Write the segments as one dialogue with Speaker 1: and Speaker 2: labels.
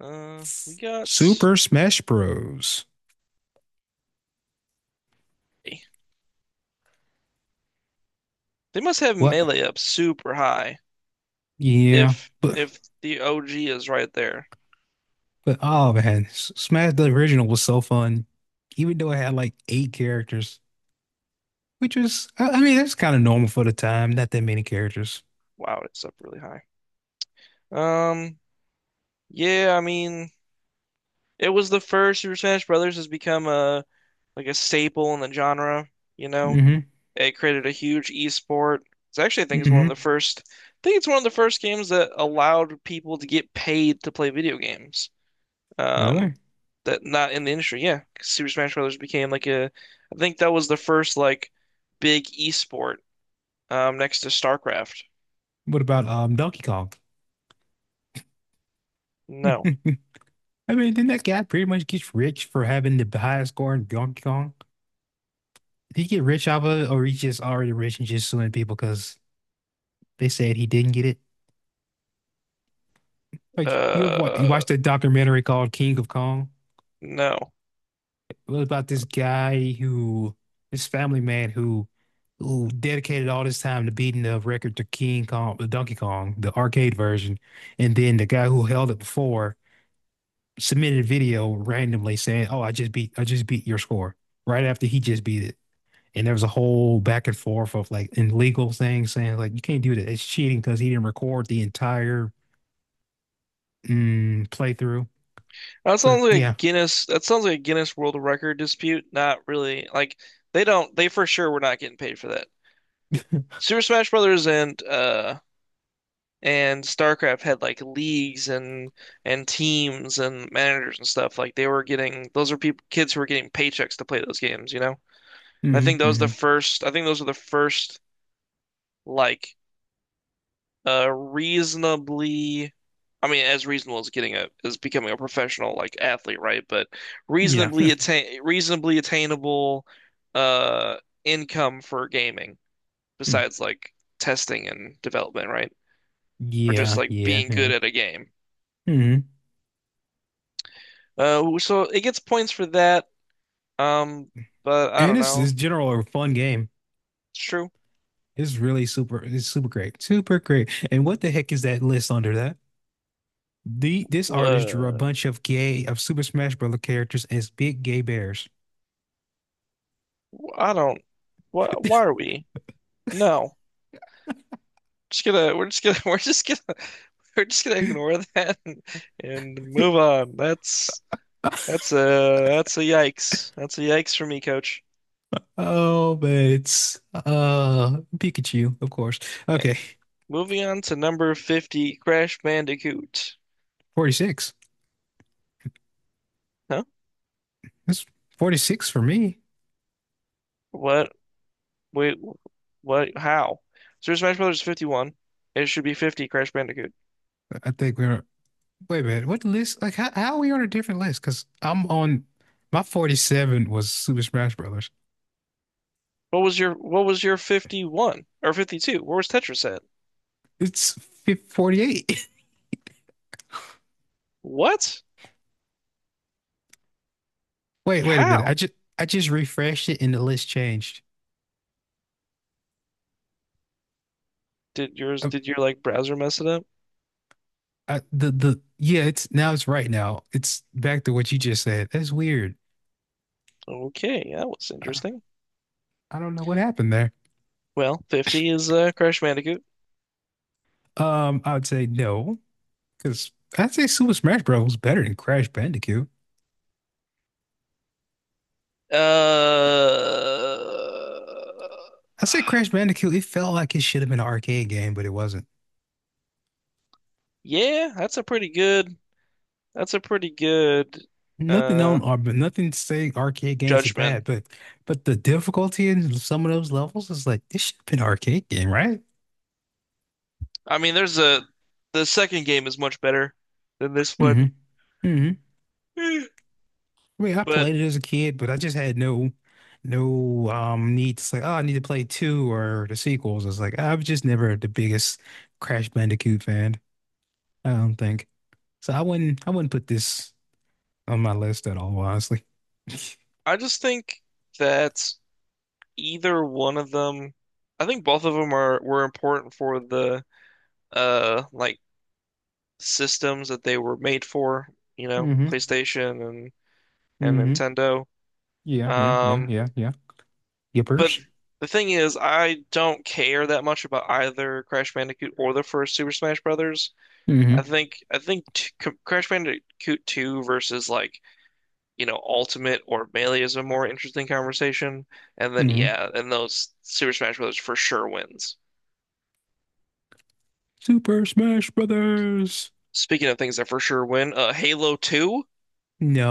Speaker 1: We got.
Speaker 2: Super Smash Bros.
Speaker 1: They must have
Speaker 2: What?
Speaker 1: melee up super high
Speaker 2: Yeah,
Speaker 1: if
Speaker 2: but
Speaker 1: if the OG is right there.
Speaker 2: oh man, Smash, the original, was so fun, even though it had like eight characters, which was I mean that's kind of normal for the time. Not that many characters.
Speaker 1: Wow, it's up really high. Um, yeah, I mean, it was the first Super Smash Brothers has become a like a staple in the genre, you know.
Speaker 2: Hmm.
Speaker 1: It created a huge esport. It's actually, I think, is one of
Speaker 2: Hmm.
Speaker 1: the first. I think it's one of the first games that allowed people to get paid to play video games. um
Speaker 2: Really?
Speaker 1: that not in the industry. Yeah, 'cause Super Smash Brothers became like a I think that was the first like big esport next to StarCraft.
Speaker 2: What about Donkey Kong?
Speaker 1: No.
Speaker 2: I mean, didn't that guy pretty much get rich for having the highest score in Donkey Kong? Did he get rich off of it, or he just already rich and just suing people because they said he didn't get it? Like you have you
Speaker 1: Uh
Speaker 2: watched that documentary called King of Kong?
Speaker 1: no.
Speaker 2: It was about this guy who, this family man who dedicated all this time to beating the record to King Kong, the Donkey Kong, the arcade version, and then the guy who held it before submitted a video randomly saying, "Oh, I just beat your score," right after he just beat it. And there was a whole back and forth of like in legal things saying like you can't do that. It's cheating because he didn't record the entire playthrough. But yeah.
Speaker 1: That sounds like a Guinness World Record dispute. Not really like they for sure were not getting paid for that. Super Smash Brothers and StarCraft had like leagues and teams and managers and stuff. Like they were getting those are people kids who were getting paychecks to play those games, you know?
Speaker 2: Hmm. Hmm.
Speaker 1: I think those were the first, like, reasonably, I mean, as reasonable as as becoming a professional, like, athlete, right? But
Speaker 2: Yeah.
Speaker 1: reasonably attainable, uh, income for gaming,
Speaker 2: Mm.
Speaker 1: besides, like, testing and development, right? Or just,
Speaker 2: Yeah,
Speaker 1: like,
Speaker 2: yeah,
Speaker 1: being
Speaker 2: yeah.
Speaker 1: good at a game.
Speaker 2: Mm-hmm.
Speaker 1: So it gets points for that. Um, but I
Speaker 2: And
Speaker 1: don't
Speaker 2: it's
Speaker 1: know.
Speaker 2: general a fun game.
Speaker 1: It's true.
Speaker 2: It's really super. It's super great. Super great. And what the heck is that list under that? The this artist drew a
Speaker 1: Uh,
Speaker 2: bunch of gay of Super Smash Bros. Characters as big gay bears.
Speaker 1: I don't. Why, are we? No. just gonna We're just gonna we're just gonna ignore that and move on. That's a that's a yikes. That's a yikes for me, coach.
Speaker 2: Oh, but it's Pikachu, of course.
Speaker 1: Eh,
Speaker 2: Okay,
Speaker 1: Moving on to number 50, Crash Bandicoot.
Speaker 2: 46.
Speaker 1: Huh?
Speaker 2: That's 46 for me.
Speaker 1: What? Wait, what? How? Super Smash Brothers is 51. It should be 50, Crash Bandicoot.
Speaker 2: I think we're, wait a minute. What list? Like how are we on a different list? Because I'm on, my 47 was Super Smash Brothers.
Speaker 1: What was your 51 or 52? Where was Tetris at?
Speaker 2: It's 48.
Speaker 1: What?
Speaker 2: Wait, wait a minute.
Speaker 1: How?
Speaker 2: I just, I just refreshed it and the list changed. Uh,
Speaker 1: Did your like browser mess it up?
Speaker 2: the yeah, it's now, it's right now. It's back to what you just said. That's weird.
Speaker 1: Okay, that was
Speaker 2: I,
Speaker 1: interesting.
Speaker 2: I don't know what happened there.
Speaker 1: Well, 50 is Crash Bandicoot.
Speaker 2: I would say no because I'd say Super Smash Bros. Was better than Crash Bandicoot.
Speaker 1: Uh,
Speaker 2: I say Crash Bandicoot. It felt like it should have been an arcade game, but it wasn't.
Speaker 1: yeah, that's a pretty good. That's a pretty good
Speaker 2: Nothing
Speaker 1: uh
Speaker 2: on or but nothing to say arcade games are
Speaker 1: judgment.
Speaker 2: bad, but the difficulty in some of those levels is like this should have been an arcade game, right?
Speaker 1: I mean, the second game is much better than this one,
Speaker 2: Hmm. Hmm. I mean, I
Speaker 1: but
Speaker 2: played it as a kid, but I just had no, no need to say, oh, I need to play two or the sequels. It's like I was just never the biggest Crash Bandicoot fan, I don't think. So I wouldn't, I wouldn't put this on my list at all, honestly.
Speaker 1: I just think that either one of them, I think both of them are were important for the like systems that they were made for, you know,
Speaker 2: Mm-hmm.
Speaker 1: PlayStation and
Speaker 2: Mm-hmm.
Speaker 1: Nintendo.
Speaker 2: Yeah, yeah, yeah,
Speaker 1: Um,
Speaker 2: yeah, yeah.
Speaker 1: But
Speaker 2: Yippers.
Speaker 1: the thing is, I don't care that much about either Crash Bandicoot or the first Super Smash Brothers.
Speaker 2: Mm-hmm.
Speaker 1: I think t C Crash Bandicoot 2 versus like, you know, Ultimate or Melee is a more interesting conversation. And then
Speaker 2: Mm-hmm.
Speaker 1: yeah, and those Super Smash Brothers for sure wins.
Speaker 2: Super Smash Brothers.
Speaker 1: Speaking of things that for sure win, Halo 2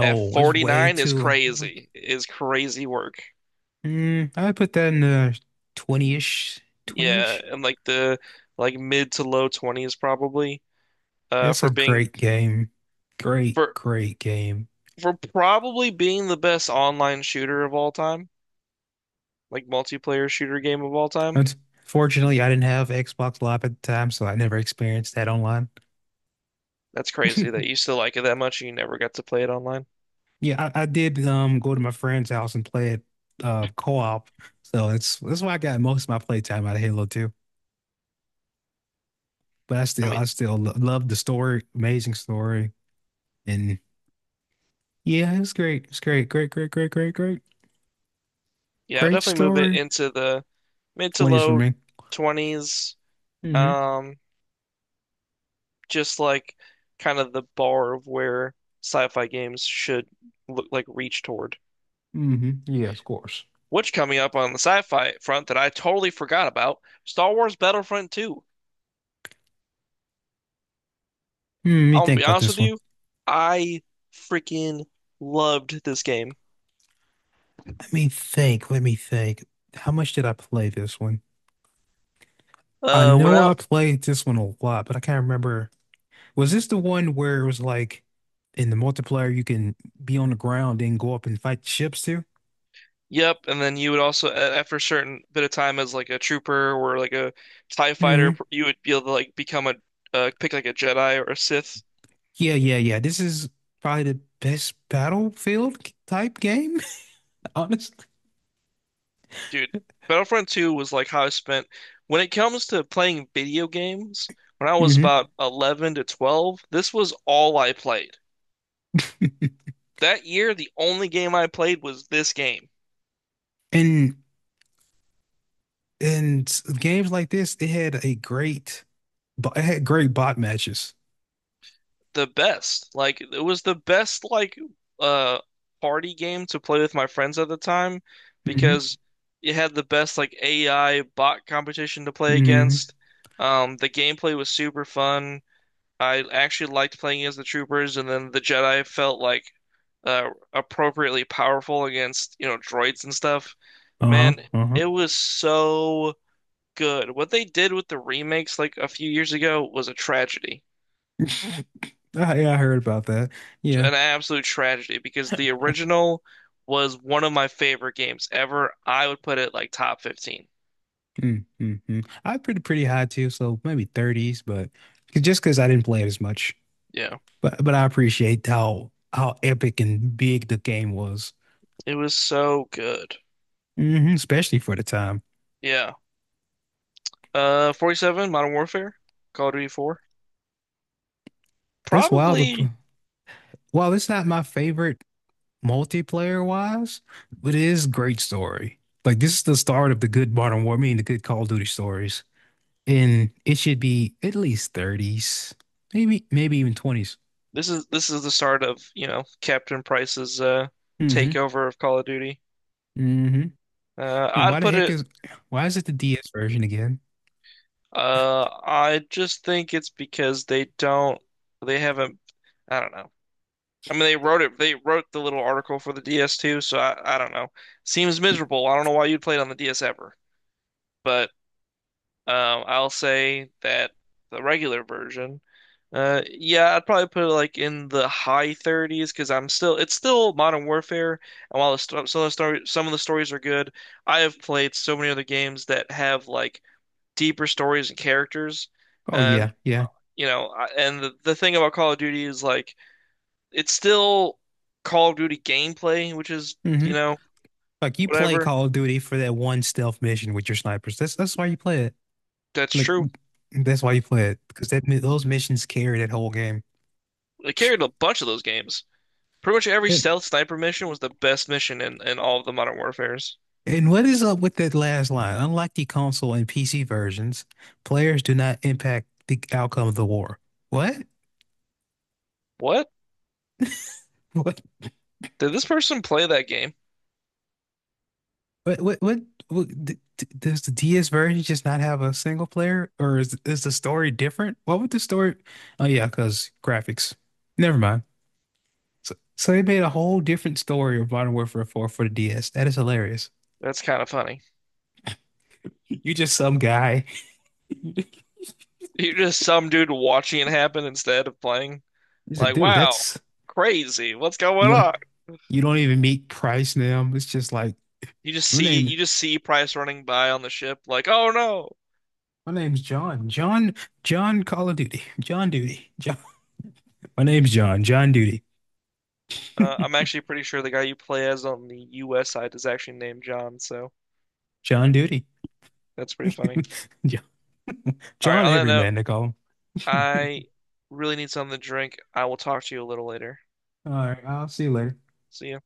Speaker 1: at
Speaker 2: it's way
Speaker 1: 49 is
Speaker 2: too.
Speaker 1: crazy. Is crazy work.
Speaker 2: Mm, I put that in the 20-ish,
Speaker 1: Yeah,
Speaker 2: 20-ish.
Speaker 1: and like the like mid to low 20s probably
Speaker 2: It's a
Speaker 1: for being
Speaker 2: great game. Great,
Speaker 1: for
Speaker 2: great game.
Speaker 1: for probably being the best online shooter of all time, like multiplayer shooter game of all time.
Speaker 2: Unfortunately, I didn't have Xbox Live at the time, so I never experienced that online.
Speaker 1: That's crazy that you still like it that much and you never got to play it online.
Speaker 2: Yeah, I did go to my friend's house and play it co-op. So that's why I got most of my playtime out of Halo 2. But I
Speaker 1: I
Speaker 2: still,
Speaker 1: mean,
Speaker 2: I still lo love the story, amazing story. And yeah, it's great. It's great. Great, great, great, great, great.
Speaker 1: yeah, I'll
Speaker 2: Great
Speaker 1: definitely move it
Speaker 2: story.
Speaker 1: into the mid to
Speaker 2: 20s for
Speaker 1: low
Speaker 2: me.
Speaker 1: 20s.
Speaker 2: Mm-hmm.
Speaker 1: Um, just like kind of the bar of where sci-fi games should look like reach toward.
Speaker 2: Mm-hmm. Yeah, of course.
Speaker 1: Which coming up on the sci-fi front that I totally forgot about, Star Wars Battlefront 2.
Speaker 2: Hmm, let me
Speaker 1: I'm gonna be
Speaker 2: think about
Speaker 1: honest
Speaker 2: this
Speaker 1: with
Speaker 2: one.
Speaker 1: you, I freaking loved this game.
Speaker 2: Let me think. Let me think. How much did I play this one? I
Speaker 1: Uh, went
Speaker 2: know I
Speaker 1: out,
Speaker 2: played this one a lot, but I can't remember. Was this the one where it was like in the multiplayer you can be on the ground and go up and fight ships too?
Speaker 1: yep, and then you would also after a certain bit of time as like a trooper or like a TIE fighter,
Speaker 2: Hmm.
Speaker 1: you would be able to like become a pick like a Jedi or a Sith.
Speaker 2: Yeah, yeah, yeah. This is probably the best Battlefield type game, honestly.
Speaker 1: Dude, Battlefront 2 was like how I spent when it comes to playing video games. When I was
Speaker 2: Hmm.
Speaker 1: about 11 to 12, this was all I played. That year, the only game I played was this game.
Speaker 2: And games like this, it had a great, it had great bot matches.
Speaker 1: The best. Like it was the best like uh party game to play with my friends at the time
Speaker 2: Hmm.
Speaker 1: because it had the best like AI bot competition to play
Speaker 2: Hmm.
Speaker 1: against. The gameplay was super fun. I actually liked playing as the troopers, and then the Jedi felt like appropriately powerful against you know droids and stuff.
Speaker 2: Uh-huh.
Speaker 1: Man,
Speaker 2: Uh-huh.
Speaker 1: it was so good. What they did with the remakes like a few years ago was a tragedy.
Speaker 2: Ah, yeah, I heard about that. Yeah.
Speaker 1: An absolute tragedy because the original was one of my favorite games ever. I would put it like top 15.
Speaker 2: Mm, mm, mm. I had pretty, pretty high too, so maybe 30s, but just because I didn't play it as much.
Speaker 1: Yeah.
Speaker 2: But I appreciate how epic and big the game was,
Speaker 1: It was so good.
Speaker 2: hmm, especially for the time.
Speaker 1: Yeah. 47, Modern Warfare, Call of Duty 4.
Speaker 2: That's wild. The,
Speaker 1: Probably
Speaker 2: while it's not my favorite multiplayer wise, but it is great story. Like this is the start of the good Modern War, I mean the good Call of Duty stories, and it should be at least 30s, maybe maybe even 20s.
Speaker 1: this is the start of, you know, Captain Price's
Speaker 2: Hmm.
Speaker 1: takeover of Call of Duty.
Speaker 2: Hmm.
Speaker 1: Uh
Speaker 2: And why
Speaker 1: I'd
Speaker 2: the
Speaker 1: put
Speaker 2: heck
Speaker 1: it
Speaker 2: is, why is it the DS version again?
Speaker 1: I just think it's because they haven't I don't know. I mean, they wrote it. They wrote the little article for the DS too. So I don't know. Seems miserable. I don't know why you'd play it on the DS ever, but I'll say that the regular version, yeah, I'd probably put it like in the high 30s because I'm still. It's still Modern Warfare, and while the sto some of the story, some of the stories are good, I have played so many other games that have like deeper stories and characters,
Speaker 2: Oh
Speaker 1: and
Speaker 2: yeah, yeah.
Speaker 1: you know, and the thing about Call of Duty is like it's still Call of Duty gameplay, which is,
Speaker 2: Hmm.
Speaker 1: you know,
Speaker 2: Like you play
Speaker 1: whatever.
Speaker 2: Call of Duty for that one stealth mission with your snipers. That's why you play it.
Speaker 1: That's
Speaker 2: Like
Speaker 1: true.
Speaker 2: that's why you play it because that those missions carry that whole game.
Speaker 1: It carried a bunch of those games. Pretty much every
Speaker 2: And,
Speaker 1: stealth sniper mission was the best mission in all of the Modern Warfares.
Speaker 2: and what is up with that last line? Unlike the console and PC versions, players do not impact the outcome of the war. What?
Speaker 1: What?
Speaker 2: What?
Speaker 1: Did this person play that game?
Speaker 2: What what what, what does the DS version just not have a single player, or is the story different? What would the story? Oh yeah, because graphics. Never mind. So so they made a whole different story of Modern Warfare 4 for the DS. That is hilarious.
Speaker 1: That's kind of funny.
Speaker 2: You just some guy. He's
Speaker 1: You're just some dude watching it happen instead of playing.
Speaker 2: a
Speaker 1: Like,
Speaker 2: dude.
Speaker 1: wow,
Speaker 2: That's,
Speaker 1: crazy. What's going
Speaker 2: you know,
Speaker 1: on?
Speaker 2: you don't even meet Price now. It's just like my name.
Speaker 1: You just see Price running by on the ship, like, oh no.
Speaker 2: My name's John. John. John Call of Duty. John Duty. John. My name's John. John Duty.
Speaker 1: I'm actually pretty sure the guy you play as on the US side is actually named John, so
Speaker 2: John Duty.
Speaker 1: that's pretty funny. All right,
Speaker 2: John
Speaker 1: on that
Speaker 2: Everyman,
Speaker 1: note,
Speaker 2: they call him.
Speaker 1: I really need something to drink. I will talk to you a little later.
Speaker 2: All right, I'll see you later.
Speaker 1: See ya.